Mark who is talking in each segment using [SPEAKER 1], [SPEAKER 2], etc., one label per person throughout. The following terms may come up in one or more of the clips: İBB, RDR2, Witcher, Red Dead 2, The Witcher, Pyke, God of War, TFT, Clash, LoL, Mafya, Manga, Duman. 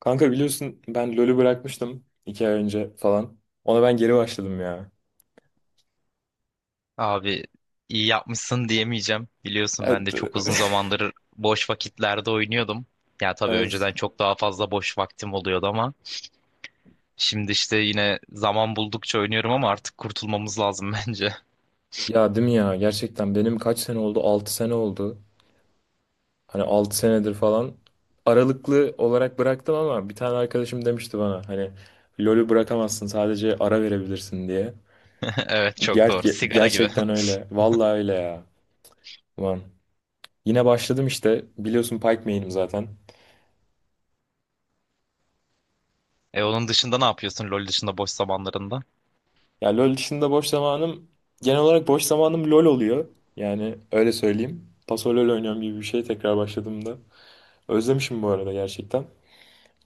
[SPEAKER 1] Kanka biliyorsun ben LoL'ü bırakmıştım 2 ay önce falan. Ona ben geri başladım ya.
[SPEAKER 2] Abi iyi yapmışsın diyemeyeceğim. Biliyorsun ben de
[SPEAKER 1] Evet.
[SPEAKER 2] çok uzun zamandır boş vakitlerde oynuyordum. Ya tabii
[SPEAKER 1] Evet.
[SPEAKER 2] önceden çok daha fazla boş vaktim oluyordu ama şimdi işte yine zaman buldukça oynuyorum ama artık kurtulmamız lazım bence.
[SPEAKER 1] Ya değil mi ya? Gerçekten benim kaç sene oldu? 6 sene oldu. Hani 6 senedir falan aralıklı olarak bıraktım ama bir tane arkadaşım demişti bana hani LoL'ü bırakamazsın sadece ara verebilirsin diye.
[SPEAKER 2] Evet, çok
[SPEAKER 1] Ger-
[SPEAKER 2] doğru. Sigara gibi.
[SPEAKER 1] gerçekten öyle. Vallahi öyle ya. Ulan. Yine başladım işte. Biliyorsun Pyke main'im zaten.
[SPEAKER 2] E, onun dışında ne yapıyorsun LoL dışında boş zamanlarında?
[SPEAKER 1] Ya LoL dışında boş zamanım genel olarak boş zamanım LoL oluyor. Yani öyle söyleyeyim. Paso LoL oynuyorum gibi bir şey tekrar başladığımda. Özlemişim bu arada gerçekten.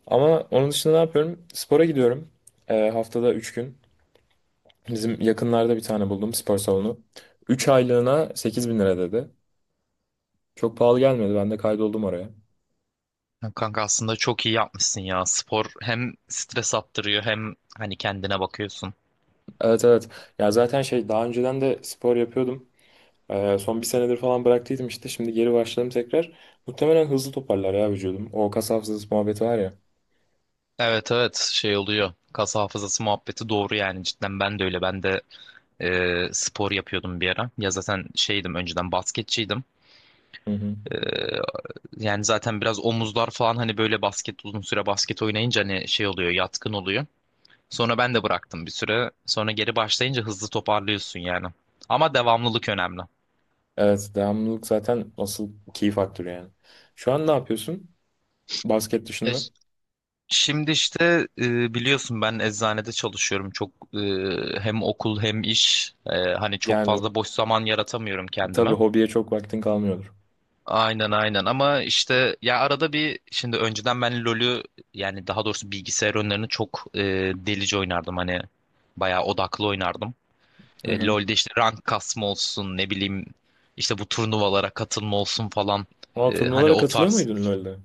[SPEAKER 1] Ama onun dışında ne yapıyorum? Spora gidiyorum. Haftada 3 gün. Bizim yakınlarda bir tane buldum spor salonu. 3 aylığına 8.000 lira dedi. Çok pahalı gelmedi. Ben de kaydoldum oraya.
[SPEAKER 2] Ya kanka aslında çok iyi yapmışsın ya. Spor hem stres attırıyor hem hani kendine bakıyorsun.
[SPEAKER 1] Evet, evet. Ya zaten şey daha önceden de spor yapıyordum. Son bir senedir falan bıraktıydım işte. Şimdi geri başladım tekrar. Muhtemelen hızlı toparlar ya vücudum. O kas hafızası muhabbeti var ya.
[SPEAKER 2] Evet, evet, şey oluyor. Kas hafızası muhabbeti doğru yani, cidden ben de öyle. Ben de spor yapıyordum bir ara. Ya zaten şeydim, önceden basketçiydim.
[SPEAKER 1] Hı hı.
[SPEAKER 2] Ee, yani zaten biraz omuzlar falan, hani böyle basket uzun süre basket oynayınca hani şey oluyor, yatkın oluyor. Sonra ben de bıraktım bir süre. Sonra geri başlayınca hızlı toparlıyorsun yani. Ama devamlılık önemli.
[SPEAKER 1] Evet, devamlılık zaten asıl key faktörü yani. Şu an ne yapıyorsun? Basket
[SPEAKER 2] E,
[SPEAKER 1] dışında.
[SPEAKER 2] ş- şimdi işte biliyorsun ben eczanede çalışıyorum. Çok hem okul hem iş, hani çok
[SPEAKER 1] Yani
[SPEAKER 2] fazla boş zaman yaratamıyorum
[SPEAKER 1] tabii
[SPEAKER 2] kendime.
[SPEAKER 1] hobiye çok vaktin kalmıyordur.
[SPEAKER 2] Aynen, aynen, ama işte ya arada bir, şimdi önceden ben LoL'ü, yani daha doğrusu bilgisayar oyunlarını çok delice oynardım, hani bayağı odaklı oynardım.
[SPEAKER 1] Hı hı.
[SPEAKER 2] LoL'de işte rank kasma olsun, ne bileyim işte bu turnuvalara katılma olsun falan.
[SPEAKER 1] Aa,
[SPEAKER 2] Hani
[SPEAKER 1] turnuvalara
[SPEAKER 2] o
[SPEAKER 1] katılıyor
[SPEAKER 2] tarz.
[SPEAKER 1] muydun LoL'de?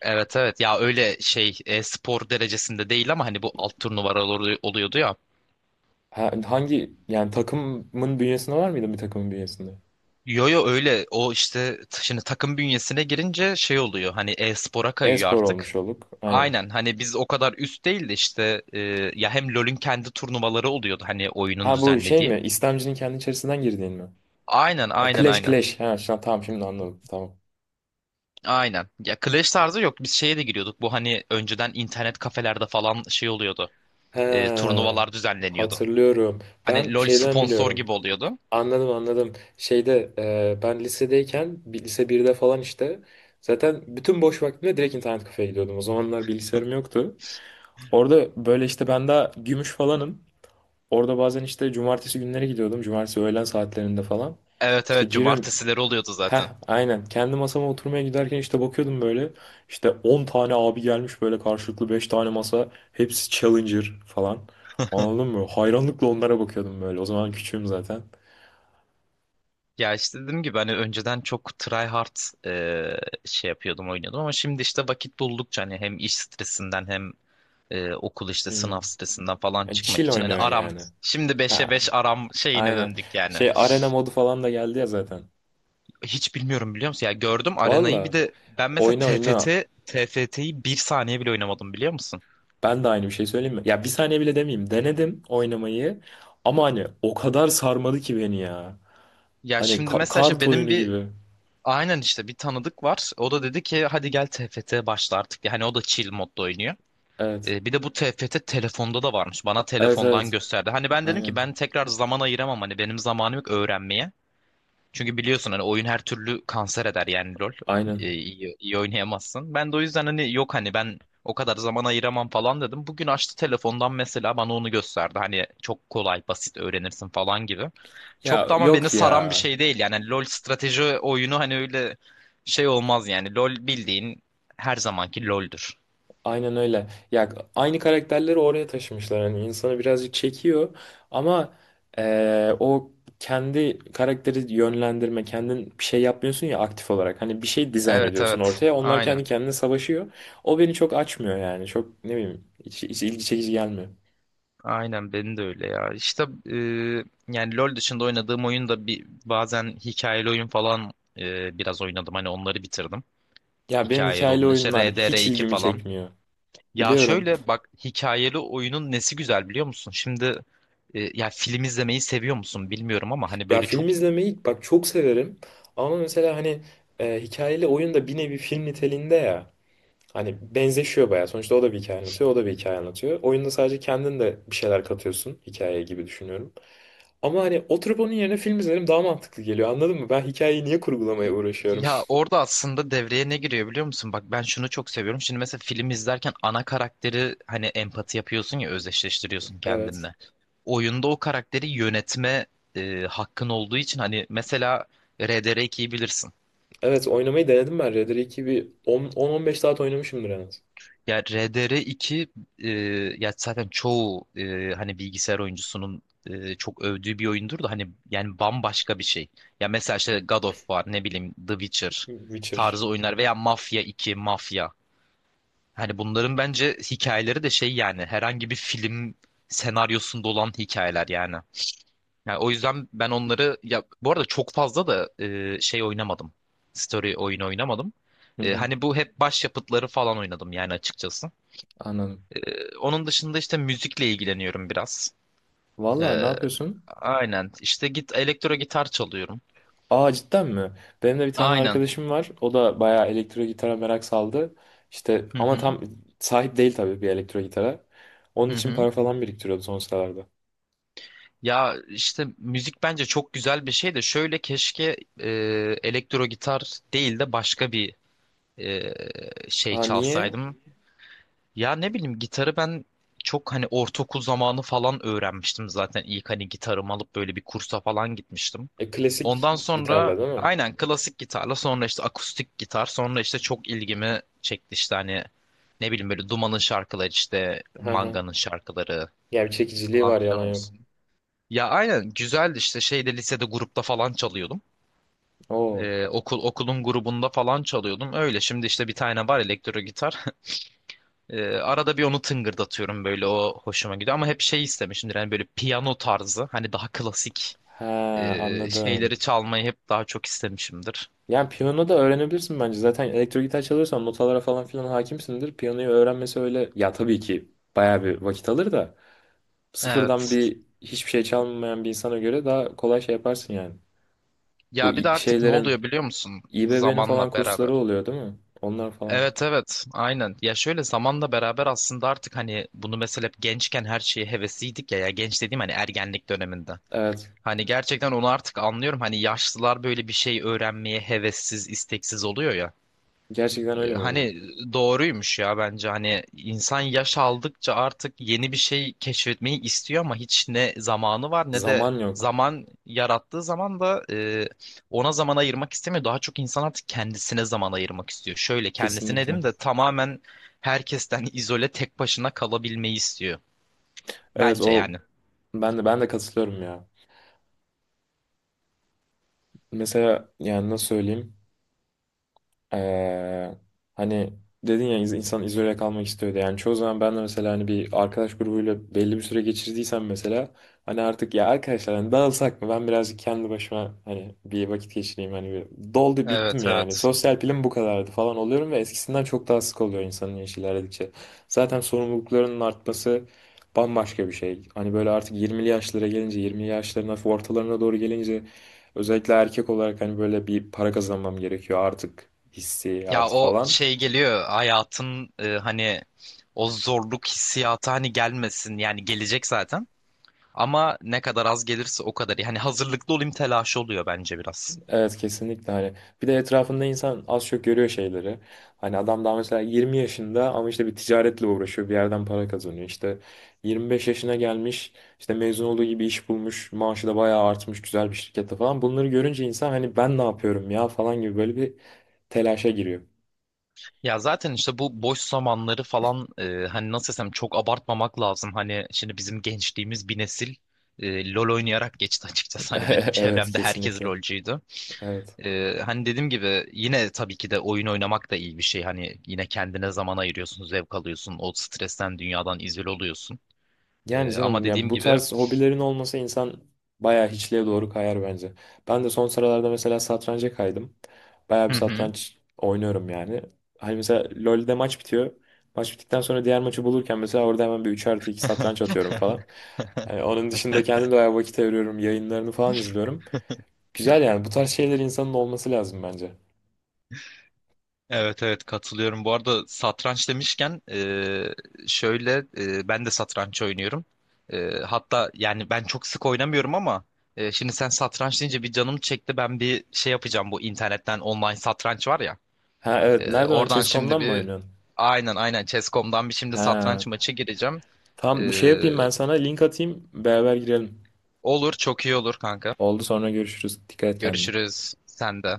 [SPEAKER 2] Evet, evet, ya öyle şey, spor derecesinde değil ama hani bu alt turnuvalar oluyordu ya.
[SPEAKER 1] Hangi yani takımın bünyesinde var mıydı, bir takımın bünyesinde?
[SPEAKER 2] Yo yo, öyle o işte şimdi takım bünyesine girince şey oluyor hani, e-spora kayıyor
[SPEAKER 1] E-spor
[SPEAKER 2] artık.
[SPEAKER 1] olmuş olduk. Aynen.
[SPEAKER 2] Aynen, hani biz o kadar üst değil de işte ya hem LoL'ün kendi turnuvaları oluyordu, hani oyunun
[SPEAKER 1] Ha, bu şey
[SPEAKER 2] düzenlediği.
[SPEAKER 1] mi? İstemcinin kendi içerisinden girdiğin mi?
[SPEAKER 2] Aynen,
[SPEAKER 1] Ha,
[SPEAKER 2] aynen,
[SPEAKER 1] Clash
[SPEAKER 2] aynen.
[SPEAKER 1] Clash. Ha, tamam, şimdi anladım. Tamam.
[SPEAKER 2] Aynen. Ya Clash tarzı yok, biz şeye de giriyorduk, bu hani önceden internet kafelerde falan şey oluyordu.
[SPEAKER 1] He,
[SPEAKER 2] Turnuvalar düzenleniyordu.
[SPEAKER 1] hatırlıyorum. Ben
[SPEAKER 2] Hani LoL
[SPEAKER 1] şeyden
[SPEAKER 2] sponsor
[SPEAKER 1] biliyorum.
[SPEAKER 2] gibi oluyordu.
[SPEAKER 1] Anladım, anladım. Şeyde ben lisedeyken lise birde falan işte zaten bütün boş vaktimde direkt internet kafeye gidiyordum. O zamanlar bilgisayarım yoktu. Orada böyle işte ben daha gümüş falanım. Orada bazen işte cumartesi günleri gidiyordum. Cumartesi öğlen saatlerinde falan.
[SPEAKER 2] Evet
[SPEAKER 1] İşte
[SPEAKER 2] evet,
[SPEAKER 1] giriyorum.
[SPEAKER 2] cumartesileri oluyordu
[SPEAKER 1] Heh,
[SPEAKER 2] zaten.
[SPEAKER 1] aynen. Kendi masama oturmaya giderken işte bakıyordum böyle. İşte 10 tane abi gelmiş böyle karşılıklı 5 tane masa. Hepsi Challenger falan. Anladın mı? Hayranlıkla onlara bakıyordum böyle. O zaman küçüğüm zaten.
[SPEAKER 2] Ya işte dediğim gibi hani önceden çok try hard e, şey yapıyordum, oynuyordum ama şimdi işte vakit buldukça hani hem iş stresinden hem okul işte
[SPEAKER 1] Hmm.
[SPEAKER 2] sınav stresinden falan
[SPEAKER 1] Yani
[SPEAKER 2] çıkmak
[SPEAKER 1] Chill
[SPEAKER 2] için hani
[SPEAKER 1] oynuyor
[SPEAKER 2] aram,
[SPEAKER 1] yani.
[SPEAKER 2] şimdi beşe
[SPEAKER 1] Ha,
[SPEAKER 2] 5 aram şeyine
[SPEAKER 1] aynen.
[SPEAKER 2] döndük yani.
[SPEAKER 1] Şey, arena modu falan da geldi ya zaten.
[SPEAKER 2] Hiç bilmiyorum, biliyor musun? Ya gördüm
[SPEAKER 1] Valla,
[SPEAKER 2] arenayı, bir de ben mesela
[SPEAKER 1] oyna oyna.
[SPEAKER 2] TFT, TFT'yi bir saniye bile oynamadım biliyor musun?
[SPEAKER 1] Ben de aynı bir şey söyleyeyim mi? Ya bir saniye bile demeyeyim. Denedim oynamayı. Ama hani o kadar sarmadı ki beni ya.
[SPEAKER 2] Ya
[SPEAKER 1] Hani
[SPEAKER 2] şimdi mesela işte
[SPEAKER 1] kart
[SPEAKER 2] benim
[SPEAKER 1] oyunu
[SPEAKER 2] bir,
[SPEAKER 1] gibi.
[SPEAKER 2] aynen işte bir tanıdık var. O da dedi ki hadi gel TFT başla artık. Yani o da chill modda oynuyor.
[SPEAKER 1] Evet.
[SPEAKER 2] Bir de bu TFT telefonda da varmış. Bana
[SPEAKER 1] Evet,
[SPEAKER 2] telefondan
[SPEAKER 1] evet.
[SPEAKER 2] gösterdi. Hani ben dedim ki
[SPEAKER 1] Aynen.
[SPEAKER 2] ben tekrar zaman ayıramam. Hani benim zamanım yok öğrenmeye. Çünkü biliyorsun hani oyun her türlü kanser eder yani, LOL.
[SPEAKER 1] Aynen.
[SPEAKER 2] İyi oynayamazsın. Ben de o yüzden hani yok, hani ben o kadar zaman ayıramam falan dedim. Bugün açtı telefondan mesela, bana onu gösterdi. Hani çok kolay, basit öğrenirsin falan gibi. Çok
[SPEAKER 1] Ya
[SPEAKER 2] da ama beni
[SPEAKER 1] yok ya.
[SPEAKER 2] saran bir şey değil. Yani LOL strateji oyunu, hani öyle şey olmaz yani. LOL bildiğin her zamanki LOL'dür.
[SPEAKER 1] Aynen öyle. Ya aynı karakterleri oraya taşımışlar. Yani insanı birazcık çekiyor ama o kendi karakteri yönlendirme, kendin bir şey yapmıyorsun ya aktif olarak. Hani bir şey dizayn
[SPEAKER 2] Evet,
[SPEAKER 1] ediyorsun
[SPEAKER 2] evet.
[SPEAKER 1] ortaya. Onlar
[SPEAKER 2] Aynen.
[SPEAKER 1] kendi kendine savaşıyor. O beni çok açmıyor yani. Çok ne bileyim, hiç ilgi çekici gelmiyor.
[SPEAKER 2] Aynen, benim de öyle ya. İşte e, yani LoL dışında oynadığım oyun da bir, bazen hikayeli oyun falan biraz oynadım. Hani onları bitirdim.
[SPEAKER 1] Ya benim
[SPEAKER 2] Hikayeli
[SPEAKER 1] hikayeli
[SPEAKER 2] olun. İşte
[SPEAKER 1] oyunlar hiç
[SPEAKER 2] RDR2
[SPEAKER 1] ilgimi
[SPEAKER 2] falan.
[SPEAKER 1] çekmiyor.
[SPEAKER 2] Ya
[SPEAKER 1] Biliyorum.
[SPEAKER 2] şöyle bak, hikayeli oyunun nesi güzel biliyor musun? Şimdi ya film izlemeyi seviyor musun bilmiyorum ama hani
[SPEAKER 1] Ya
[SPEAKER 2] böyle çok.
[SPEAKER 1] film izlemeyi bak çok severim ama mesela hani hikayeli oyun da bir nevi film niteliğinde ya. Hani benzeşiyor bayağı. Sonuçta o da bir hikaye anlatıyor, o da bir hikaye anlatıyor. Oyunda sadece kendin de bir şeyler katıyorsun hikayeye gibi düşünüyorum. Ama hani oturup onun yerine film izlerim daha mantıklı geliyor. Anladın mı? Ben hikayeyi niye kurgulamaya uğraşıyorum?
[SPEAKER 2] Ya orada aslında devreye ne giriyor biliyor musun? Bak, ben şunu çok seviyorum. Şimdi mesela film izlerken ana karakteri hani empati yapıyorsun ya, özdeşleştiriyorsun
[SPEAKER 1] Evet.
[SPEAKER 2] kendinle. Oyunda o karakteri yönetme hakkın olduğu için hani mesela RDR2'yi bilirsin.
[SPEAKER 1] Evet, oynamayı denedim ben. Red Dead 2 bir 10-15 saat oynamışımdır en az.
[SPEAKER 2] Ya RDR2 e, ya zaten çoğu hani bilgisayar oyuncusunun çok övdüğü bir oyundur da, hani yani bambaşka bir şey. Ya mesela işte God of War, ne bileyim The Witcher
[SPEAKER 1] Witcher.
[SPEAKER 2] tarzı oyunlar veya Mafya 2, Mafya. Hani bunların bence hikayeleri de şey yani, herhangi bir film senaryosunda olan hikayeler yani. Yani o yüzden ben onları, ya bu arada çok fazla da şey oynamadım. Story oyunu oynamadım.
[SPEAKER 1] Hı hı,
[SPEAKER 2] Hani bu hep başyapıtları falan oynadım yani açıkçası.
[SPEAKER 1] anladım.
[SPEAKER 2] Onun dışında işte müzikle ilgileniyorum biraz.
[SPEAKER 1] Vallahi ne
[SPEAKER 2] E,
[SPEAKER 1] yapıyorsun?
[SPEAKER 2] aynen işte elektro gitar çalıyorum.
[SPEAKER 1] Aa, cidden mi? Benim de bir tane
[SPEAKER 2] Aynen.
[SPEAKER 1] arkadaşım var. O da bayağı elektro gitara merak saldı. İşte
[SPEAKER 2] Hı
[SPEAKER 1] ama
[SPEAKER 2] hı.
[SPEAKER 1] tam sahip değil tabii bir elektro gitara. Onun
[SPEAKER 2] Hı
[SPEAKER 1] için
[SPEAKER 2] hı.
[SPEAKER 1] para falan biriktiriyordu son sıralarda.
[SPEAKER 2] Ya işte müzik bence çok güzel bir şey de, şöyle keşke elektro gitar değil de başka bir e, şey
[SPEAKER 1] Aa, niye?
[SPEAKER 2] çalsaydım. Ya ne bileyim, gitarı ben çok hani ortaokul zamanı falan öğrenmiştim zaten, ilk hani gitarımı alıp böyle bir kursa falan gitmiştim.
[SPEAKER 1] Klasik
[SPEAKER 2] Ondan sonra
[SPEAKER 1] gitarla değil mi?
[SPEAKER 2] aynen klasik gitarla, sonra işte akustik gitar, sonra işte çok ilgimi çekti işte hani, ne bileyim böyle Duman'ın şarkıları, işte
[SPEAKER 1] Hı hı.
[SPEAKER 2] Manga'nın şarkıları
[SPEAKER 1] Yani bir çekiciliği
[SPEAKER 2] falan
[SPEAKER 1] var,
[SPEAKER 2] filan
[SPEAKER 1] yalan yok.
[SPEAKER 2] olsun. Ya aynen, güzeldi işte şeyde, lisede grupta falan çalıyordum.
[SPEAKER 1] Oo.
[SPEAKER 2] Okulun grubunda falan çalıyordum. Öyle, şimdi işte bir tane var elektro gitar. Arada bir onu tıngırdatıyorum böyle, o hoşuma gidiyor. Ama hep şey istemişimdir yani, böyle piyano tarzı hani daha klasik
[SPEAKER 1] He, anladım.
[SPEAKER 2] şeyleri çalmayı hep daha çok istemişimdir.
[SPEAKER 1] Yani piyano da öğrenebilirsin bence. Zaten elektro gitar çalıyorsan notalara falan filan hakimsindir. Piyanoyu öğrenmesi öyle. Ya tabii ki bayağı bir vakit alır da sıfırdan
[SPEAKER 2] Evet.
[SPEAKER 1] bir hiçbir şey çalmayan bir insana göre daha kolay şey yaparsın yani. Bu
[SPEAKER 2] Ya bir de artık ne
[SPEAKER 1] şeylerin,
[SPEAKER 2] oluyor biliyor musun?
[SPEAKER 1] İBB'nin
[SPEAKER 2] Zamanla
[SPEAKER 1] falan kursları
[SPEAKER 2] beraber.
[SPEAKER 1] oluyor değil mi? Onlar falan.
[SPEAKER 2] Evet, evet, aynen. Ya şöyle, zamanla beraber aslında artık hani bunu mesela, hep gençken her şeye hevesliydik ya. Ya genç dediğim hani ergenlik döneminde.
[SPEAKER 1] Evet.
[SPEAKER 2] Hani gerçekten onu artık anlıyorum. Hani yaşlılar böyle bir şey öğrenmeye hevessiz, isteksiz oluyor ya.
[SPEAKER 1] Gerçekten
[SPEAKER 2] Ee,
[SPEAKER 1] öyle mi oluyor?
[SPEAKER 2] Hani doğruymuş ya bence. Hani insan yaş aldıkça artık yeni bir şey keşfetmeyi istiyor ama hiç ne zamanı var ne de
[SPEAKER 1] Zaman yok.
[SPEAKER 2] zaman, yarattığı zaman da ona zaman ayırmak istemiyor. Daha çok insan artık kendisine zaman ayırmak istiyor. Şöyle kendisine
[SPEAKER 1] Kesinlikle.
[SPEAKER 2] dedim de, tamamen herkesten izole, tek başına kalabilmeyi istiyor.
[SPEAKER 1] Evet,
[SPEAKER 2] Bence
[SPEAKER 1] o,
[SPEAKER 2] yani.
[SPEAKER 1] ben de katılıyorum ya. Mesela yani nasıl söyleyeyim? Ee, hani dedin ya, insan izole kalmak istiyordu. Yani çoğu zaman ben de mesela hani bir arkadaş grubuyla belli bir süre geçirdiysem mesela, hani artık ya arkadaşlar hani dağılsak mı? Ben birazcık kendi başıma hani bir vakit geçireyim, hani bir doldu
[SPEAKER 2] Evet,
[SPEAKER 1] bittim yani.
[SPEAKER 2] evet.
[SPEAKER 1] Sosyal pilim bu kadardı falan oluyorum ve eskisinden çok daha sık oluyor insanın yaşı ilerledikçe. Zaten sorumluluklarının artması bambaşka bir şey. Hani böyle artık 20'li yaşlara gelince, 20'li yaşların hafif ortalarına doğru gelince, özellikle erkek olarak, hani böyle bir para kazanmam gerekiyor artık
[SPEAKER 2] Ya
[SPEAKER 1] hissiyatı
[SPEAKER 2] o
[SPEAKER 1] falan.
[SPEAKER 2] şey geliyor hayatın, hani o zorluk hissiyatı, hani gelmesin yani, gelecek zaten ama ne kadar az gelirse o kadar iyi. Hani hazırlıklı olayım telaşı oluyor bence biraz.
[SPEAKER 1] Evet, kesinlikle, hani bir de etrafında insan az çok görüyor şeyleri. Hani adam daha mesela 20 yaşında ama işte bir ticaretle uğraşıyor, bir yerden para kazanıyor. İşte 25 yaşına gelmiş, işte mezun olduğu gibi iş bulmuş, maaşı da bayağı artmış güzel bir şirkette falan. Bunları görünce insan hani ben ne yapıyorum ya falan gibi böyle bir telaşa giriyor.
[SPEAKER 2] Ya zaten işte bu boş zamanları falan hani nasıl desem, çok abartmamak lazım. Hani şimdi bizim gençliğimiz bir nesil LOL oynayarak geçti açıkçası. Hani benim
[SPEAKER 1] Evet,
[SPEAKER 2] çevremde herkes
[SPEAKER 1] kesinlikle,
[SPEAKER 2] LOLcuydu.
[SPEAKER 1] evet.
[SPEAKER 2] Hani dediğim gibi yine tabii ki de oyun oynamak da iyi bir şey. Hani yine kendine zaman ayırıyorsun, zevk alıyorsun, o stresten, dünyadan izole oluyorsun.
[SPEAKER 1] Yani
[SPEAKER 2] Ama
[SPEAKER 1] canım ya,
[SPEAKER 2] dediğim
[SPEAKER 1] bu
[SPEAKER 2] gibi,
[SPEAKER 1] tarz hobilerin olmasa insan bayağı hiçliğe doğru kayar bence. Ben de son sıralarda mesela satranca kaydım. Bayağı bir
[SPEAKER 2] hı hı.
[SPEAKER 1] satranç oynuyorum yani. Hani mesela LoL'de maç bitiyor. Maç bittikten sonra diğer maçı bulurken mesela orada hemen bir 3+2 satranç atıyorum falan. Yani onun dışında kendim de bayağı vakit ayırıyorum. Yayınlarını falan izliyorum. Güzel yani, bu tarz şeyler insanın olması lazım bence.
[SPEAKER 2] Evet, evet, katılıyorum. Bu arada satranç demişken şöyle ben de satranç oynuyorum. Hatta yani ben çok sık oynamıyorum ama şimdi sen satranç deyince bir canım çekti. Ben bir şey yapacağım, bu internetten online satranç var ya.
[SPEAKER 1] Ha evet, nereden o?
[SPEAKER 2] Oradan şimdi
[SPEAKER 1] Chess.com'dan mı
[SPEAKER 2] bir,
[SPEAKER 1] oynuyorsun?
[SPEAKER 2] aynen aynen Chess.com'dan bir şimdi
[SPEAKER 1] Ha,
[SPEAKER 2] satranç maçı gireceğim. Ee,
[SPEAKER 1] tamam, bir şey yapayım ben sana link atayım, beraber girelim.
[SPEAKER 2] olur, çok iyi olur kanka.
[SPEAKER 1] Oldu, sonra görüşürüz. Dikkat et kendine.
[SPEAKER 2] Görüşürüz, sen de.